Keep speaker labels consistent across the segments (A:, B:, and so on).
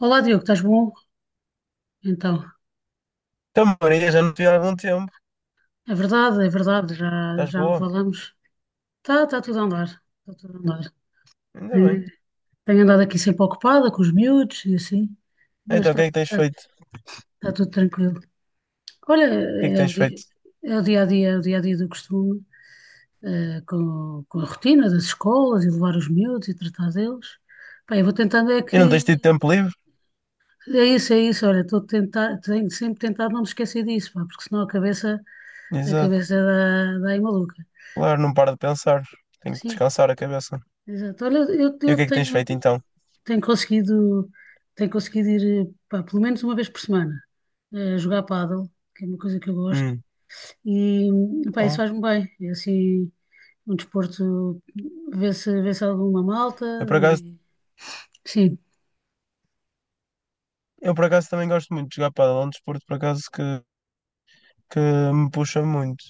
A: Olá, Diogo, estás bom? Então,
B: Então, Maria, já não te vi há algum tempo.
A: é verdade, já,
B: Estás
A: já não
B: boa?
A: falamos. Tá, está tudo a andar, está tudo a andar.
B: Ainda bem.
A: Eh, Tenho andado aqui sempre ocupada com os miúdos e assim, mas
B: Então, o que é que tens feito? O
A: tá tudo tranquilo. Olha,
B: que é que tens feito?
A: é o dia a dia, é o dia a dia do costume, com a rotina das escolas e levar os miúdos e tratar deles. Pá, eu vou tentando é
B: E não tens tido
A: que
B: tempo livre?
A: é isso, olha, estou a tentar, tenho sempre tentado não me esquecer disso, pá, porque senão a
B: Exato.
A: cabeça dá aí maluca.
B: Claro, não paro de pensar. Tenho que
A: Sim.
B: descansar a cabeça.
A: Exato. Olha,
B: E o
A: eu
B: que é que tens
A: tenho,
B: feito então?
A: tenho conseguido, tenho conseguido ir, pá, pelo menos uma vez por semana, jogar pádel, que é uma coisa que eu gosto,
B: Hum.
A: e pá, isso
B: Oh.
A: faz-me bem. É assim, um desporto, vê-se alguma malta,
B: Eu por acaso,
A: e sim.
B: também gosto muito de jogar pádel. É um desporto por acaso que me puxa muito.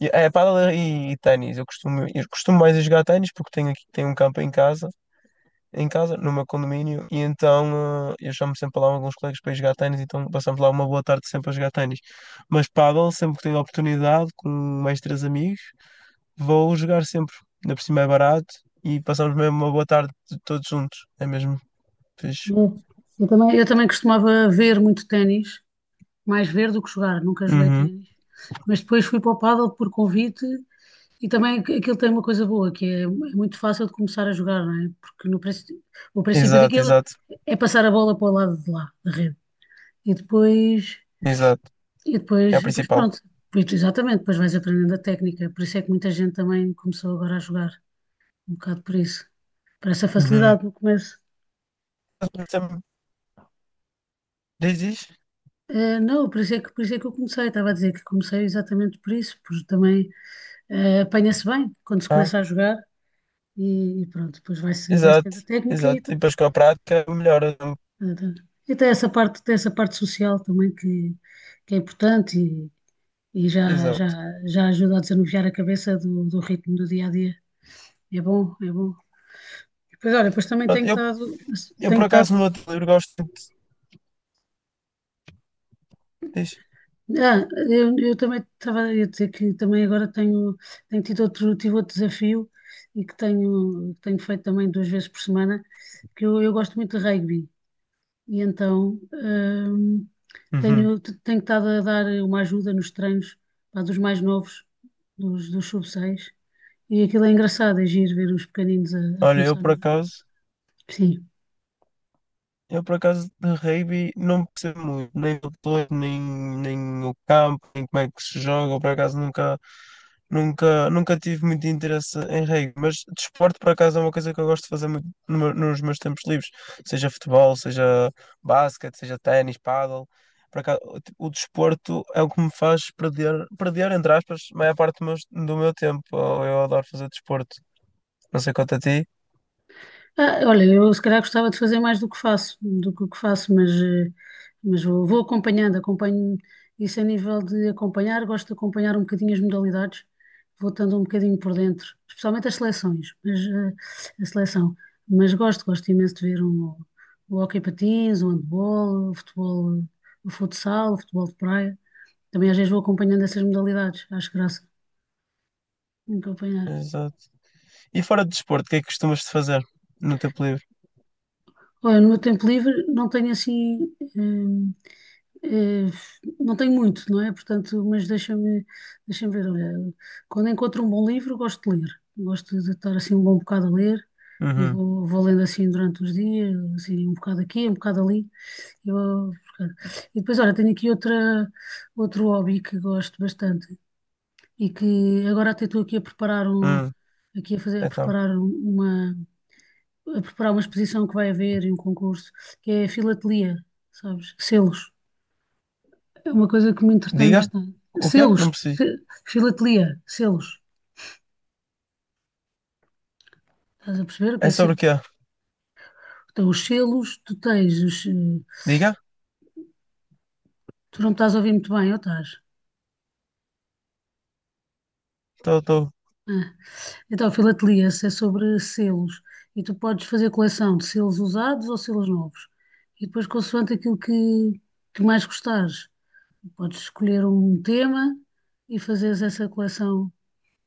B: É, pádel e ténis. Eu costumo mais a jogar ténis porque tenho um campo em casa, no meu condomínio, e então eu chamo sempre lá alguns colegas para ir jogar ténis, então passamos lá uma boa tarde sempre a jogar ténis. Mas pádel, sempre que tenho a oportunidade, com mais três amigos, vou jogar sempre. Ainda por cima é barato e passamos mesmo uma boa tarde todos juntos. É mesmo fixe.
A: Eu, eu também costumava ver muito ténis, mais ver do que jogar, nunca joguei
B: Uhum.
A: ténis, mas depois fui para o pádel por convite. E também aquilo tem uma coisa boa, que é, é muito fácil de começar a jogar, não é? Porque no, princ- o princípio
B: Exato,
A: daquilo
B: exato,
A: é passar a bola para o lado de lá, da rede. E depois,
B: exato. É a
A: e depois
B: principal.
A: pronto. Pois, exatamente, depois vais aprendendo a técnica. Por isso é que muita gente também começou agora a jogar, um bocado por isso. Por essa
B: Uhum.
A: facilidade no começo.
B: Sempre- Diz, diz.
A: Eh, não, por isso é que, por isso é que eu comecei. Estava a dizer que comecei exatamente por isso, porque também apanha-se bem quando se
B: Ah,
A: começa a jogar e pronto, depois vai-se
B: exato,
A: tendo a técnica e,
B: exato. E depois com a prática melhora.
A: portanto, e tem essa parte social também que é importante e
B: Exato.
A: já ajuda a desanuviar a cabeça do, do ritmo do dia a dia. É bom, é bom. Depois, olha, depois também
B: Pronto,
A: tenho estado,
B: eu
A: tenho
B: por
A: estado.
B: acaso no outro livro gosto de. Diz.
A: Eu também estava a dizer que também tenho tido outro, tive outro desafio e que tenho, tenho feito também duas vezes por semana, que eu gosto muito de rugby. E então
B: Uhum.
A: tenho estado a dar uma ajuda nos treinos pá, dos mais novos, dos sub-6. E aquilo é engraçado, é giro ver os pequeninos a
B: Olha, eu
A: começar.
B: por acaso,
A: Sim.
B: de rugby não percebo muito, nem o todo, nem o campo, nem como é que se joga, eu por acaso nunca, nunca tive muito interesse em rugby, mas desporto por acaso é uma coisa que eu gosto de fazer muito no meu- nos meus tempos livres, seja futebol, seja basquete, seja ténis, pádel, por acaso o desporto é o que me faz perder, perder entre aspas, a maior parte do meu tempo, eu adoro fazer desporto, não sei quanto a ti.
A: Ah, olha, eu se calhar gostava de fazer mais do que faço, do que o que faço, mas, mas vou, vou acompanhando, acompanho isso a nível de acompanhar, gosto de acompanhar um bocadinho as modalidades, vou estando um bocadinho por dentro, especialmente as seleções, mas a seleção, mas gosto, gosto imenso de ver um, o hóquei patins, o handball, o futebol, o futsal, o futebol de praia, também às vezes vou acompanhando essas modalidades, acho graça acompanhar.
B: Exato. E fora de desporto, o que é que costumas de fazer no tempo livre?
A: Olha, no meu tempo livre não tenho assim. eh, Eh, não tenho muito, não é? Portanto, mas deixa-me ver. Olha, quando encontro um bom livro, gosto de ler. Gosto de estar assim um bom bocado a ler e
B: Uhum.
A: vou, vou lendo assim durante os dias, assim, um bocado aqui, um bocado ali. E, vou- e depois, olha, tenho aqui outra, outro hobby que gosto bastante e que agora até estou aqui a preparar um,
B: Hum.
A: aqui a fazer, a
B: Então,
A: preparar um, uma, a preparar uma exposição que vai haver e um concurso, que é a filatelia, sabes? Selos. É uma coisa que me entretém
B: diga.
A: bastante.
B: O quê?
A: Selos,
B: Não percebi.
A: se- filatelia, selos. Estás a perceber o que
B: É
A: é
B: sobre
A: selo?
B: o quê?
A: Então, os selos, tu tens os. Eh,
B: Diga.
A: tu não estás a ouvir muito bem, ou estás?
B: Estou, estou.
A: Ah. Então, filatelia se é sobre selos. E tu podes fazer coleção de selos usados ou selos novos. E depois, consoante aquilo que mais gostares, podes escolher um tema e fazeres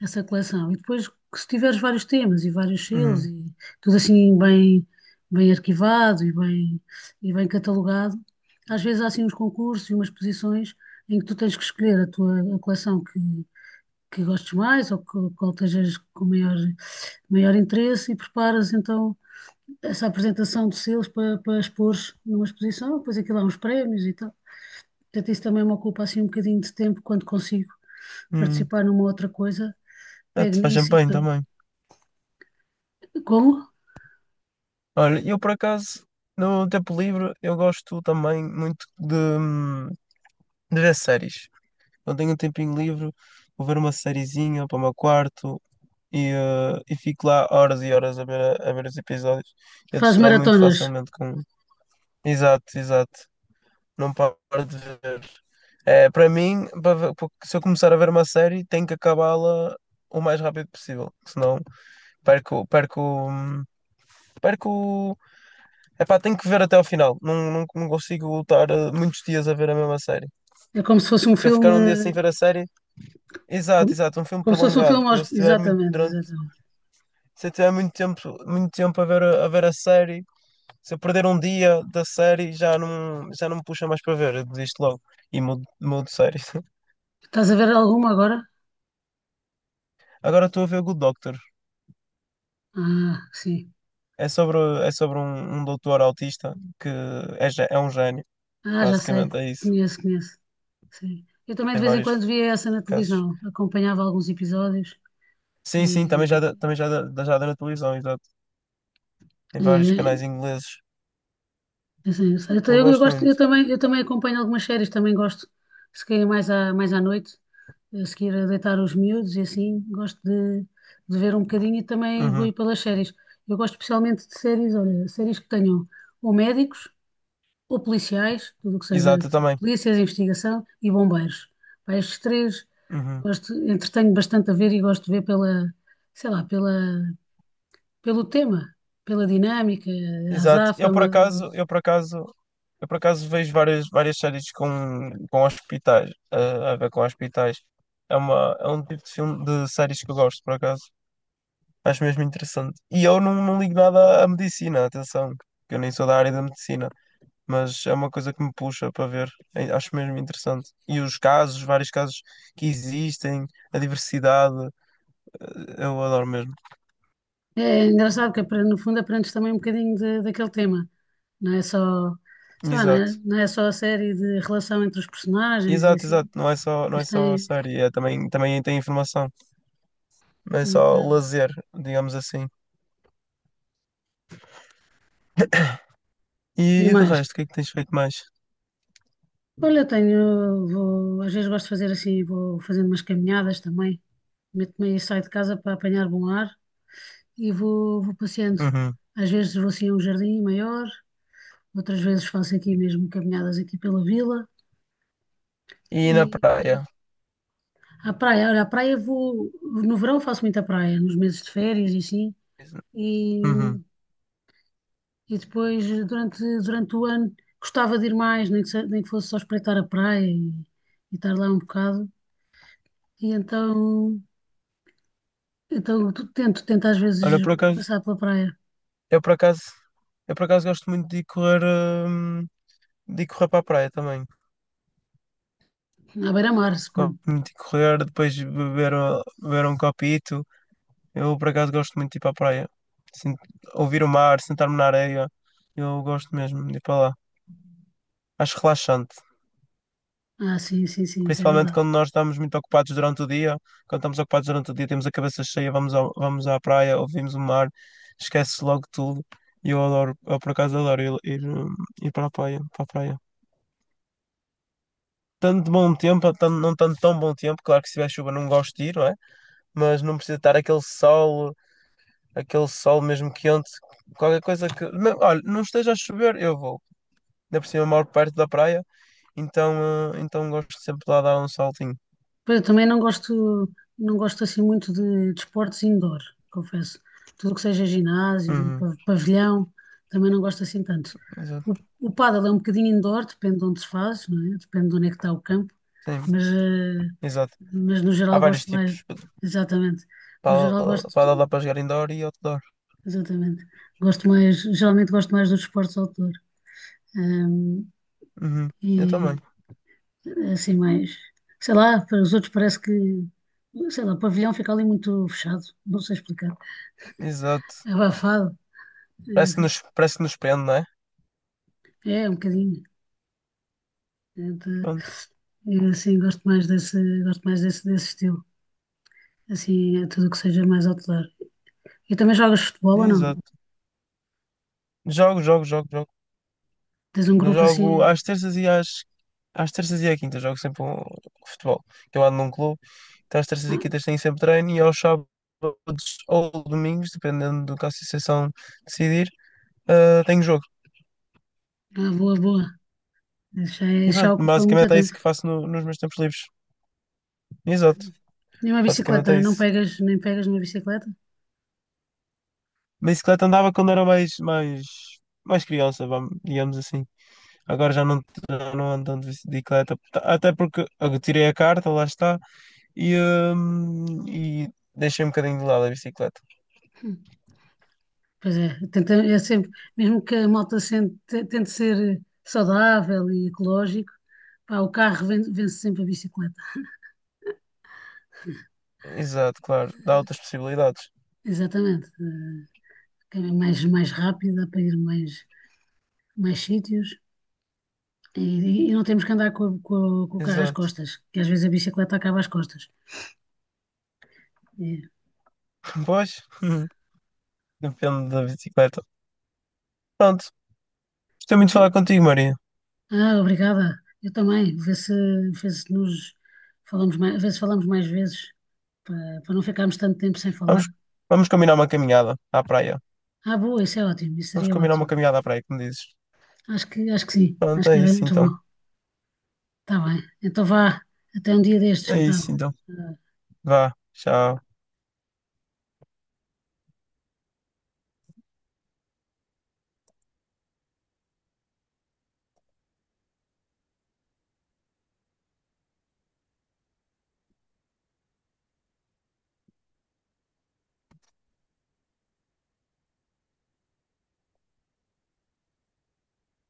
A: essa coleção. E depois, que se tiveres vários temas e vários selos
B: Hum.
A: e tudo assim bem, bem arquivado e bem catalogado, às vezes há assim uns concursos e umas posições em que tu tens que escolher a tua a coleção que gostes mais ou que, qual estejas com maior, maior interesse e preparas então essa apresentação de selos para, para expor numa exposição, depois aquilo há uns prémios e tal. Portanto, isso também me ocupa assim um bocadinho de tempo quando consigo
B: Hum.
A: participar numa outra coisa,
B: Ah,
A: pego
B: tu faz
A: nisso e
B: champanhe
A: estou.
B: também.
A: Como?
B: Olha, eu por acaso, no tempo livre, eu gosto também muito de ver séries. Quando tenho um tempinho livre, vou ver uma sériezinha para o meu quarto e, e fico lá horas e horas a ver, a ver os episódios. Eu
A: Faz
B: distraio muito
A: maratonas.
B: facilmente com. Exato, exato. Não paro de ver. É, para mim, se eu começar a ver uma série, tenho que acabá-la o mais rápido possível. Senão perco, perco, hum, perco. Epá, tenho que ver até ao final. Não consigo lutar muitos dias a ver a mesma série.
A: É como se fosse um
B: Se eu ficar
A: filme.
B: um dia sem ver a série,
A: Como,
B: exato, exato, um filme
A: como se fosse um
B: prolongado.
A: filme.
B: Eu
A: Aos-
B: se tiver muito
A: Exatamente,
B: durante,
A: exatamente.
B: se eu tiver muito tempo a ver a ver a série, se eu perder um dia da série, já não me puxa mais para ver, eu desisto logo e mudo de série.
A: Estás a ver alguma agora?
B: Agora estou a ver Good Doctor.
A: Ah, sim.
B: É sobre, é sobre um doutor autista que é, é um gênio,
A: Ah, já sei.
B: basicamente é isso,
A: Conheço, conheço. Sim. Eu também de
B: em
A: vez em
B: vários
A: quando via essa na
B: casos.
A: televisão. Acompanhava alguns episódios
B: Sim, sim,
A: e.
B: já dá na televisão, exato, em vários canais
A: eh,
B: ingleses.
A: Assim, eu, sei. Então,
B: Eu
A: Eu ta- eu
B: gosto
A: gosto,
B: muito.
A: eu também acompanho algumas séries, também gosto, se calhar mais à noite, a seguir a deitar os miúdos e assim, gosto de ver um bocadinho e também vou ir
B: Uhum.
A: pelas séries. Eu gosto especialmente de séries, olha, séries que tenham ou médicos ou policiais, tudo o que seja
B: Exato, eu também.
A: polícias, investigação e bombeiros. Pá, estes três
B: Uhum.
A: gosto, entretenho bastante a ver e gosto de ver pela, sei lá, pela, pelo tema, pela dinâmica, a
B: Exato. Eu por
A: azáfama.
B: acaso, vejo várias, várias séries com hospitais, a ver com hospitais. É um tipo de filme de séries que eu gosto, por acaso. Acho mesmo interessante. E eu não ligo nada à medicina, atenção, que eu nem sou da área da medicina, mas é uma coisa que me puxa para ver. Acho mesmo interessante. E os casos, vários casos que existem, a diversidade, eu adoro mesmo.
A: É engraçado que no fundo aprendes também um bocadinho de- daquele tema. Não é só, sei lá, não
B: Exato.
A: é, não é só a série de relação entre os personagens e
B: Exato, exato.
A: assim,
B: Não é
A: mas
B: só a
A: tem
B: série, é também tem informação. Não é só
A: muita-
B: lazer, digamos assim.
A: e
B: E de
A: mais.
B: resto, o que é que tens feito mais?
A: Olha, eu tenho, vou, às vezes gosto de fazer assim, vou fazendo umas caminhadas também. Meto-me aí, saio de casa para apanhar bom ar e vou, vou passeando.
B: Uhum.
A: Às vezes vou assim a um jardim maior, outras vezes faço aqui mesmo caminhadas aqui pela vila.
B: E na praia.
A: A praia, olha, a praia vou. No verão faço muita praia, nos meses de férias e assim. E,
B: Uhum.
A: e depois, durante, durante o ano, gostava de ir mais, nem que fosse só espreitar a praia e estar lá um bocado. E então, então tento às
B: Olha,
A: vezes
B: por acaso,
A: passar pela praia,
B: eu por acaso, gosto muito de ir correr para a praia também.
A: à beira-mar,
B: Gosto
A: suponho.
B: muito de correr, depois beber, beber um copito. Eu por acaso gosto muito de ir para a praia. Sin- ouvir o mar, sentar-me na areia. Eu gosto mesmo de ir para lá. Acho relaxante.
A: Ah, sim, sim, sim, isso é
B: Principalmente
A: verdade.
B: quando nós estamos muito ocupados durante o dia. Quando estamos ocupados durante o dia, temos a cabeça cheia, vamos à praia, ouvimos o mar, esquece-se logo tudo. E eu adoro, eu por acaso adoro ir para a praia, Tanto de bom tempo, não tanto de tão bom tempo, claro que se tiver chuva não gosto de ir, não é? Mas não precisa estar aquele sol mesmo quente, qualquer coisa olha, não esteja a chover, eu vou. Ainda por cima eu moro perto da praia, então, então gosto sempre de lá dar um saltinho.
A: Pois eu também não gosto, não gosto assim muito de desportos indoor, confesso. Tudo o que seja ginásio,
B: Uhum,
A: pavilhão, também não gosto assim tanto.
B: exato,
A: O, o pádel é um bocadinho indoor, depende de onde se faz, não é? Depende de onde é que está o campo,
B: sim,
A: mas, eh,
B: exato.
A: mas no
B: Há
A: geral
B: vários
A: gosto mais,
B: tipos.
A: exatamente, no
B: Para
A: geral gosto,
B: para dar para jogar indoor e outdoor.
A: exatamente, gosto mais, geralmente gosto mais dos desportos outdoor. Ahm,
B: Uhum. Eu também.
A: É assim mais, para os outros parece que, sei lá, o pavilhão fica ali muito fechado, não sei explicar,
B: Exato.
A: é abafado, é, assim,
B: Parece que nos prende, não é?
A: é um bocadinho, então,
B: Pronto.
A: eu assim gosto mais desse, desse estilo, assim, é tudo que seja mais outdoor. E também jogas futebol ou não?
B: Exato. Jogo.
A: Tens um grupo
B: Jogo
A: assim,
B: às terças e às. Às terças e à quinta jogo sempre um futebol. Que eu ando num clube. Então às terças e
A: ah,
B: quintas tenho sempre treino e aos sábados ou domingos, dependendo do que a associação decidir, ah, tenho jogo.
A: ah, boa, boa, isso já,
B: E
A: isso já
B: pronto,
A: ocupa muito
B: basicamente é isso
A: tempo.
B: que faço nos meus tempos livres. Exato.
A: E uma
B: Basicamente
A: bicicleta,
B: é
A: não
B: isso.
A: pegas, nem pegas numa bicicleta?
B: Bicicleta andava quando era mais criança, vamos, digamos assim. Agora já não ando de bicicleta, até porque eu tirei a carta, lá está, e deixei um bocadinho de lado a bicicleta.
A: Pois é, tenta, é sempre, mesmo que a malta tente ser saudável e ecológico, pá, o carro vence, sempre a bicicleta.
B: Exato, claro, dá outras possibilidades.
A: Exatamente. Que é mais, mais rápida para ir mais, mais sítios e, e não temos que andar com, com com o carro às
B: Exato.
A: costas, que às vezes a bicicleta acaba às costas. E-
B: Pois, depende da bicicleta. Pronto, gostei muito de falar
A: tu-
B: contigo, Maria.
A: ah, obrigada. Eu também. Vê se nos falamos mais, vê se falamos mais vezes para, para não ficarmos tanto tempo sem falar.
B: Vamos, vamos combinar uma caminhada à praia.
A: Ah, boa, isso é ótimo, isso
B: Vamos
A: seria
B: combinar uma
A: ótimo.
B: caminhada à praia, como dizes.
A: Acho que sim, acho
B: Pronto,
A: que
B: é
A: era
B: isso
A: muito
B: então.
A: bom. Está bem. Então vá, até um dia destes,
B: É isso
A: então.
B: então. Vá, tchau.